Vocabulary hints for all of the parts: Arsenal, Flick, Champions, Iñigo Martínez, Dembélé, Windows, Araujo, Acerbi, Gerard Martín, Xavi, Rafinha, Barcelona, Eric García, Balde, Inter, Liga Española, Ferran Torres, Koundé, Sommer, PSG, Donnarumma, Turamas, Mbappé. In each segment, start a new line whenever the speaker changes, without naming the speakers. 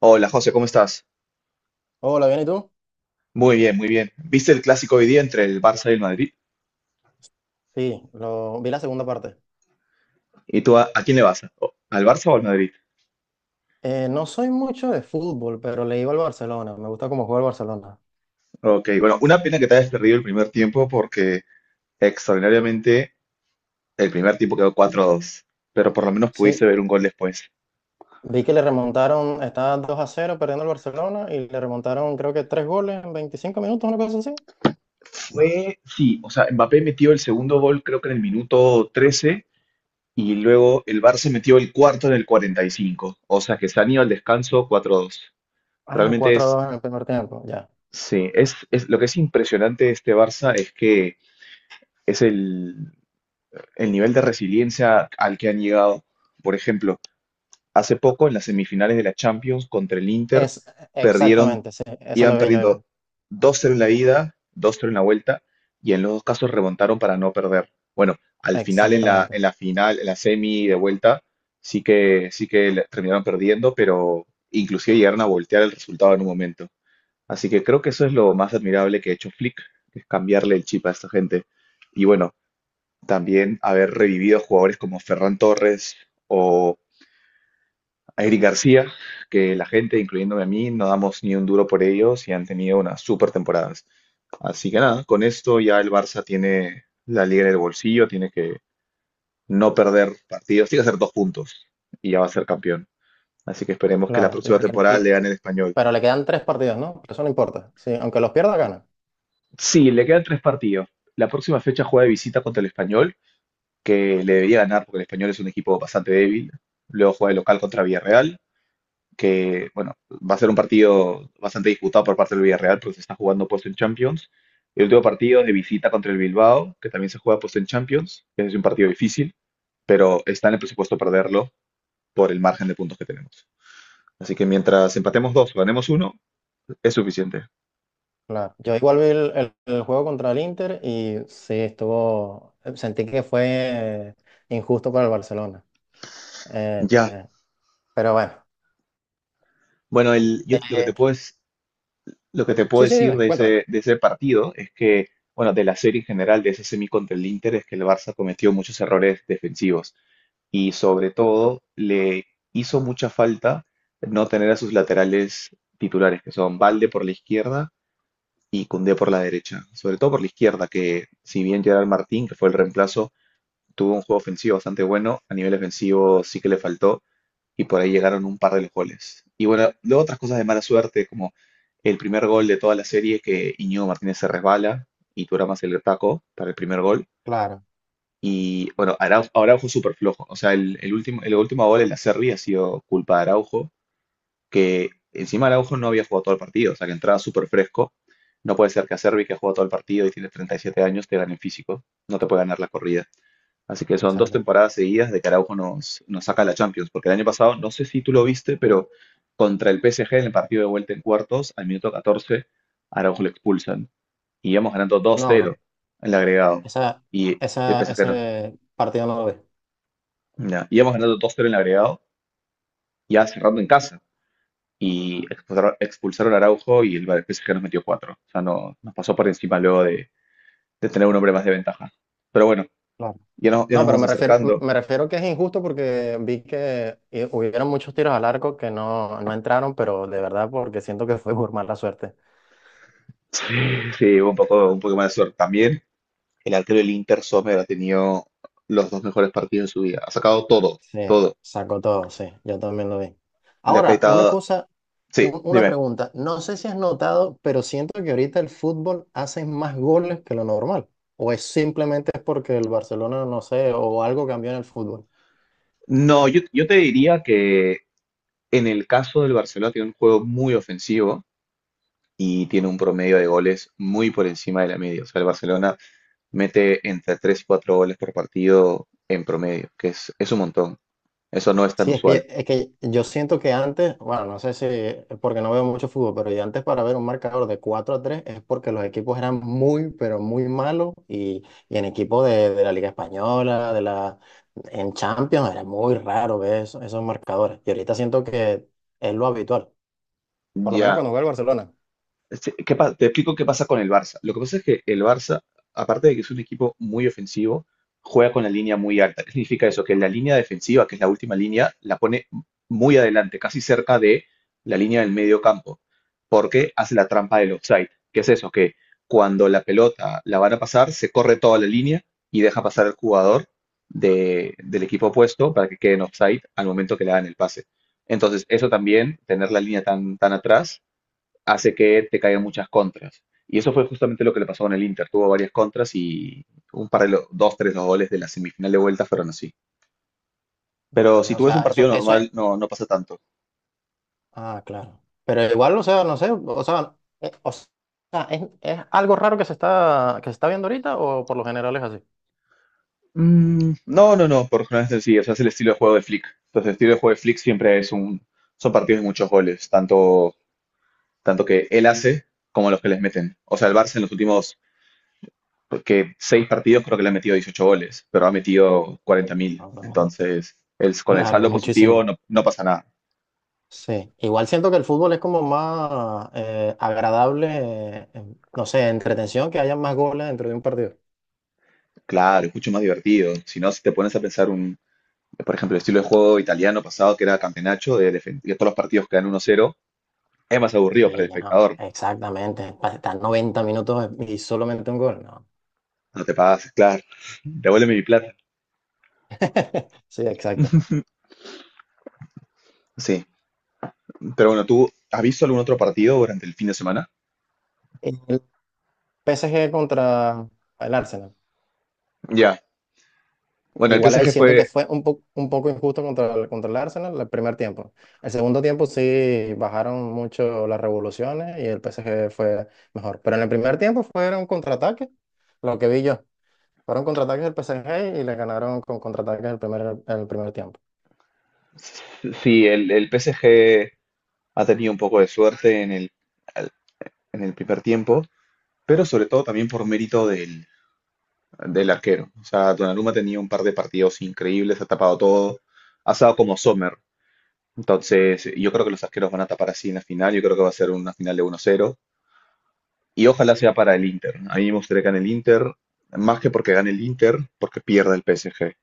Hola José, ¿cómo estás?
Hola, ¿bien y tú?
Muy bien, muy bien. ¿Viste el clásico hoy día entre el Barça y el Madrid?
Sí, vi la segunda parte.
¿Y tú a quién le vas? ¿Al Barça o al Madrid?
No soy mucho de fútbol, pero le iba al Barcelona. Me gusta cómo juega el Barcelona.
Ok, bueno, una pena que te hayas perdido el primer tiempo porque extraordinariamente el primer tiempo quedó 4-2, pero por lo menos
Sí,
pudiste ver un gol después.
vi que le remontaron, estaba 2-0 perdiendo el Barcelona y le remontaron creo que 3 goles en 25 minutos, una cosa así.
Sí, o sea, Mbappé metió el segundo gol creo que en el minuto 13 y luego el Barça metió el cuarto en el 45, o sea que se han ido al descanso 4-2.
Ah,
Realmente
4 a 2 en el primer tiempo, ya.
sí, es lo que es impresionante de este Barça es que es el nivel de resiliencia al que han llegado. Por ejemplo, hace poco en las semifinales de la Champions contra el Inter,
Es
perdieron,
Exactamente, sí, eso
iban
lo vi yo
perdiendo
igual.
dos 0 en la ida, dos 0 en la vuelta, y en los dos casos remontaron para no perder. Bueno, al final, en la,
Exactamente.
en la final, en la semi de vuelta, sí que terminaron perdiendo, pero inclusive llegaron a voltear el resultado en un momento. Así que creo que eso es lo más admirable que ha hecho Flick, que es cambiarle el chip a esta gente. Y bueno, también haber revivido jugadores como Ferran Torres o Eric García, que la gente, incluyéndome a mí, no damos ni un duro por ellos y han tenido unas super temporadas. Así que nada, con esto ya el Barça tiene la liga en el bolsillo, tiene que no perder partidos, tiene que hacer dos puntos y ya va a ser campeón. Así que esperemos que la
Claro,
próxima temporada le gane el español.
pero le quedan tres partidos, ¿no? Eso no importa. Sí, aunque los pierda, gana.
Sí, le quedan tres partidos. La próxima fecha juega de visita contra el español, que le debería ganar porque el español es un equipo bastante débil. Luego juega de local contra Villarreal que, bueno, va a ser un partido bastante disputado por parte del Villarreal, porque se está jugando puesto en Champions. El último partido es de visita contra el Bilbao, que también se juega puesto en Champions, que es un partido difícil, pero está en el presupuesto perderlo por el margen de puntos que tenemos. Así que mientras empatemos dos o ganemos uno, es suficiente.
Claro. Yo igual vi el juego contra el Inter y sí, estuvo, sentí que fue injusto para el Barcelona. Eh,
Ya.
eh, pero bueno.
Bueno, el, yo lo que te
Eh,
puedo, es- lo que te puedo
sí, sí,
decir
dime,
de
cuéntame.
ese, de ese partido es que, bueno, de la serie en general, de ese semi contra el Inter, es que el Barça cometió muchos errores defensivos. Y sobre todo le hizo mucha falta no tener a sus laterales titulares, que son Balde por la izquierda y Koundé por la derecha, sobre todo por la izquierda, que si bien Gerard Martín, que fue el reemplazo, tuvo un juego ofensivo bastante bueno, a nivel ofensivo sí que le faltó y por ahí llegaron un par de los goles. Y bueno, luego otras cosas de mala suerte, como el primer gol de toda la serie que Iñigo Martínez se resbala y Turamas se le taco para el primer gol.
Claro,
Y bueno, Araujo súper flojo. O sea, el último gol en la serie ha sido culpa de Araujo, que encima Araujo no había jugado todo el partido, o sea, que entraba súper fresco. No puede ser que a Acerbi, que ha jugado todo el partido y tiene 37 años, te gane en físico. No te puede ganar la corrida. Así que son dos
exacto.
temporadas seguidas de que Araujo nos saca la Champions. Porque el año pasado, no sé si tú lo viste, pero contra el PSG en el partido de vuelta en cuartos, al minuto 14, Araujo lo expulsan. Y íbamos ganando
No,
2-0
no.
en el agregado.
Esa,
Y el PSG no-
Ese partido no lo vi.
Ya, íbamos ganando dos 0 en el agregado, ya cerrando en casa. Y expulsaron a Araujo y el PSG nos metió cuatro. O sea, no, nos pasó por encima luego de tener un hombre más de ventaja. Pero bueno,
Claro.
ya, no- ya
No,
nos
pero
vamos
me refiero,
acercando.
me refiero que es injusto porque vi que hubieron muchos tiros al arco que no, no entraron, pero de verdad porque siento que fue por mala suerte.
Sí, hubo un poco más de suerte también. El arquero del Inter, Sommer, ha tenido los dos mejores partidos de su vida. Ha sacado todo,
Sí,
todo.
sacó todo, sí, yo también lo vi.
Le ha
Ahora, una
quitado.
cosa,
Sí,
una
dime.
pregunta. No sé si has notado, pero siento que ahorita el fútbol hace más goles que lo normal. ¿O es simplemente es porque el Barcelona, no sé, o algo cambió en el fútbol?
No, yo te diría que en el caso del Barcelona tiene un juego muy ofensivo y tiene un promedio de goles muy por encima de la media. O sea, el Barcelona mete entre 3 y 4 goles por partido en promedio, que es un montón. Eso no es tan
Sí, es
usual.
que, es que yo siento que antes, bueno, no sé si es porque no veo mucho fútbol, pero yo antes para ver un marcador de 4-3 es porque los equipos eran muy, pero muy malos y en equipos de la Liga Española, en Champions, era muy raro ver esos marcadores. Y ahorita siento que es lo habitual, por lo menos
Ya,
cuando juega el Barcelona.
sí, te explico qué pasa con el Barça. Lo que pasa es que el Barça, aparte de que es un equipo muy ofensivo, juega con la línea muy alta. ¿Qué significa eso? Que la línea defensiva, que es la última línea, la pone muy adelante, casi cerca de la línea del medio campo, porque hace la trampa del offside. ¿Qué es eso? Que cuando la pelota la van a pasar, se corre toda la línea y deja pasar al jugador del equipo opuesto para que quede en offside al momento que le dan el pase. Entonces, eso también, tener la línea tan, tan atrás, hace que te caigan muchas contras. Y eso fue justamente lo que le pasó con el Inter. Tuvo varias contras y un par de dos, tres, los goles de la semifinal de vuelta fueron así. Pero
Mm,
si
ya, o
tú ves un
sea,
partido
eso es.
normal, no pasa tanto.
Ah, claro. Pero igual, o sea, no sé, o sea, ¿es algo raro que se está viendo ahorita o por lo general es
Mm, no, no, no, por jornadas sencillas. Es el estilo de juego de Flick. Entonces, el estilo de juego de Flick siempre son partidos de muchos goles, tanto que él hace como los que les meten. O sea, el Barça en los últimos que seis partidos creo que le ha metido 18 goles, pero ha metido 40.000.
así?
Entonces, con el
Claro,
saldo positivo
muchísimo.
no pasa nada.
Sí. Igual siento que el fútbol es como más agradable, no sé, entretención, que haya más goles dentro de un partido.
Claro, es mucho más divertido. Si no, si te pones a pensar por ejemplo, el estilo de juego italiano pasado, que era campeonato, de defender todos los partidos quedan 1-0, es más aburrido para el
Sí, no,
espectador.
exactamente. Para estar 90 minutos y solamente un gol, no.
No te pagas, claro, devuélveme mi plata.
Sí, exacto.
Sí, pero bueno, ¿tú has visto algún otro partido durante el fin de semana?
El PSG contra el Arsenal.
Ya. Bueno, el
Igual ahí
PSG
siento que
fue,
fue un poco injusto contra el Arsenal el primer tiempo. El segundo tiempo sí bajaron mucho las revoluciones y el PSG fue mejor. Pero en el primer tiempo fueron contraataques, lo que vi yo. Fueron contraataques del PSG y le ganaron con contraataques el primer tiempo.
sí, el PSG ha tenido un poco de suerte al- en el primer tiempo, pero sobre todo también por mérito del arquero. O sea, Donnarumma tenía un par de partidos increíbles, ha tapado todo, ha estado como Sommer. Entonces, yo creo que los arqueros van a tapar así en la final, yo creo que va a ser una final de 1-0 y ojalá sea para el Inter. A mí me gustaría que gane el Inter, más que porque gane el Inter, porque pierda el PSG.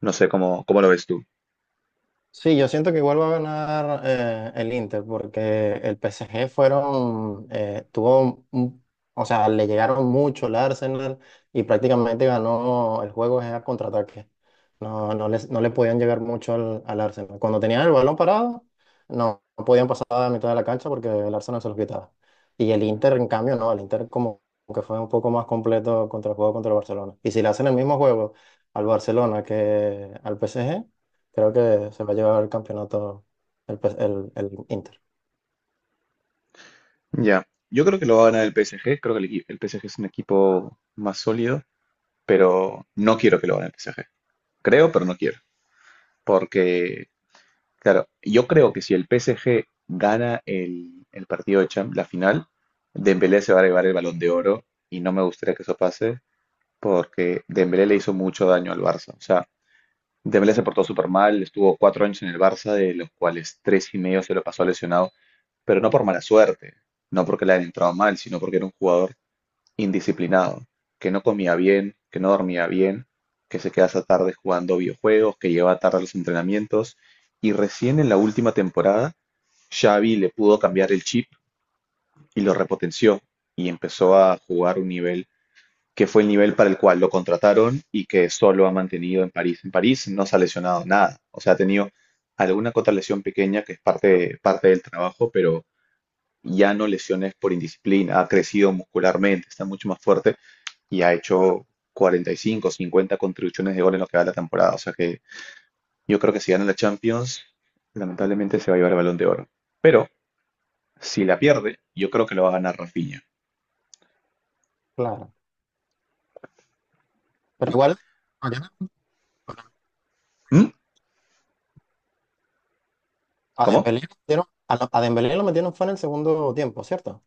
No sé cómo lo ves tú.
Sí, yo siento que igual va a ganar el Inter porque el PSG fueron, tuvo, o sea, le llegaron mucho al Arsenal y prácticamente ganó el juego es a contraataque. No, no les, no le podían llegar mucho al Arsenal. Cuando tenían el balón parado, no, no podían pasar a la mitad de la cancha porque el Arsenal se los quitaba. Y el Inter, en cambio, no, el Inter como que fue un poco más completo contra el juego contra el Barcelona. Y si le hacen el mismo juego al Barcelona que al PSG creo que se va a llevar el campeonato el Inter.
Ya, yo creo que lo va a ganar el PSG, creo que el PSG es un equipo más sólido, pero no quiero que lo gane el PSG. Creo, pero no quiero, porque, claro, yo creo que si el PSG gana el partido de Champions, la final, Dembélé se va a llevar el Balón de Oro y no me gustaría que eso pase porque Dembélé le hizo mucho daño al Barça. O sea, Dembélé se portó súper mal, estuvo 4 años en el Barça, de los cuales tres y medio se lo pasó lesionado, pero no por mala suerte, no porque le hayan entrado mal, sino porque era un jugador indisciplinado, que no comía bien, que no dormía bien, que se queda hasta tarde jugando videojuegos, que lleva tarde a los entrenamientos. Y recién en la última temporada, Xavi le pudo cambiar el chip y lo repotenció y empezó a jugar un nivel que fue el nivel para el cual lo contrataron y que solo ha mantenido en París. En París no se ha lesionado nada, o sea, ha tenido alguna que otra lesión pequeña que es parte del trabajo, pero ya no lesiones por indisciplina, ha crecido muscularmente, está mucho más fuerte y ha hecho 45, 50 contribuciones de gol en lo que va de la temporada. O sea que yo creo que si gana la Champions, lamentablemente se va a llevar el Balón de Oro. Pero si la pierde, yo creo que lo va a ganar Rafinha.
Claro. Pero igual, mañana,
¿Mm?
a
¿Cómo?
Dembélé lo metieron, a Dembélé lo metieron fue en el segundo tiempo, ¿cierto?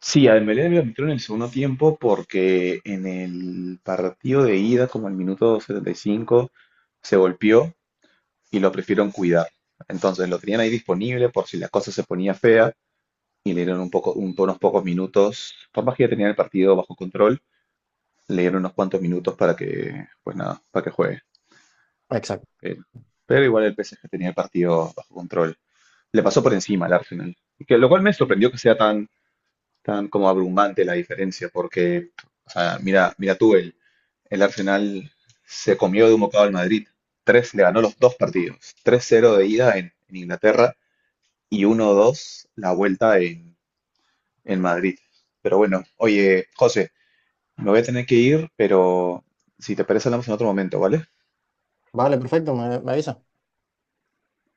Sí, a Dembélé le metió en el segundo tiempo porque en el partido de ida, como al minuto 75, se golpeó y lo prefirieron cuidar. Entonces lo tenían ahí disponible por si la cosa se ponía fea y le dieron unos pocos minutos. Por más que ya tenía el partido bajo control, le dieron unos cuantos minutos para que, pues nada, para que juegue.
Exacto.
Pero, pero igual el PSG tenía el partido bajo control. Le pasó por encima al Arsenal. Y lo cual me sorprendió que sea tan como abrumante la diferencia, porque, o sea, mira, mira tú, el, Arsenal se comió de un bocado al Madrid. Le ganó los dos partidos. 3-0 de ida en Inglaterra y 1-2 la vuelta en Madrid. Pero bueno, oye, José, me voy a tener que ir, pero si te parece hablamos en otro momento, ¿vale?
Vale, perfecto, me avisa.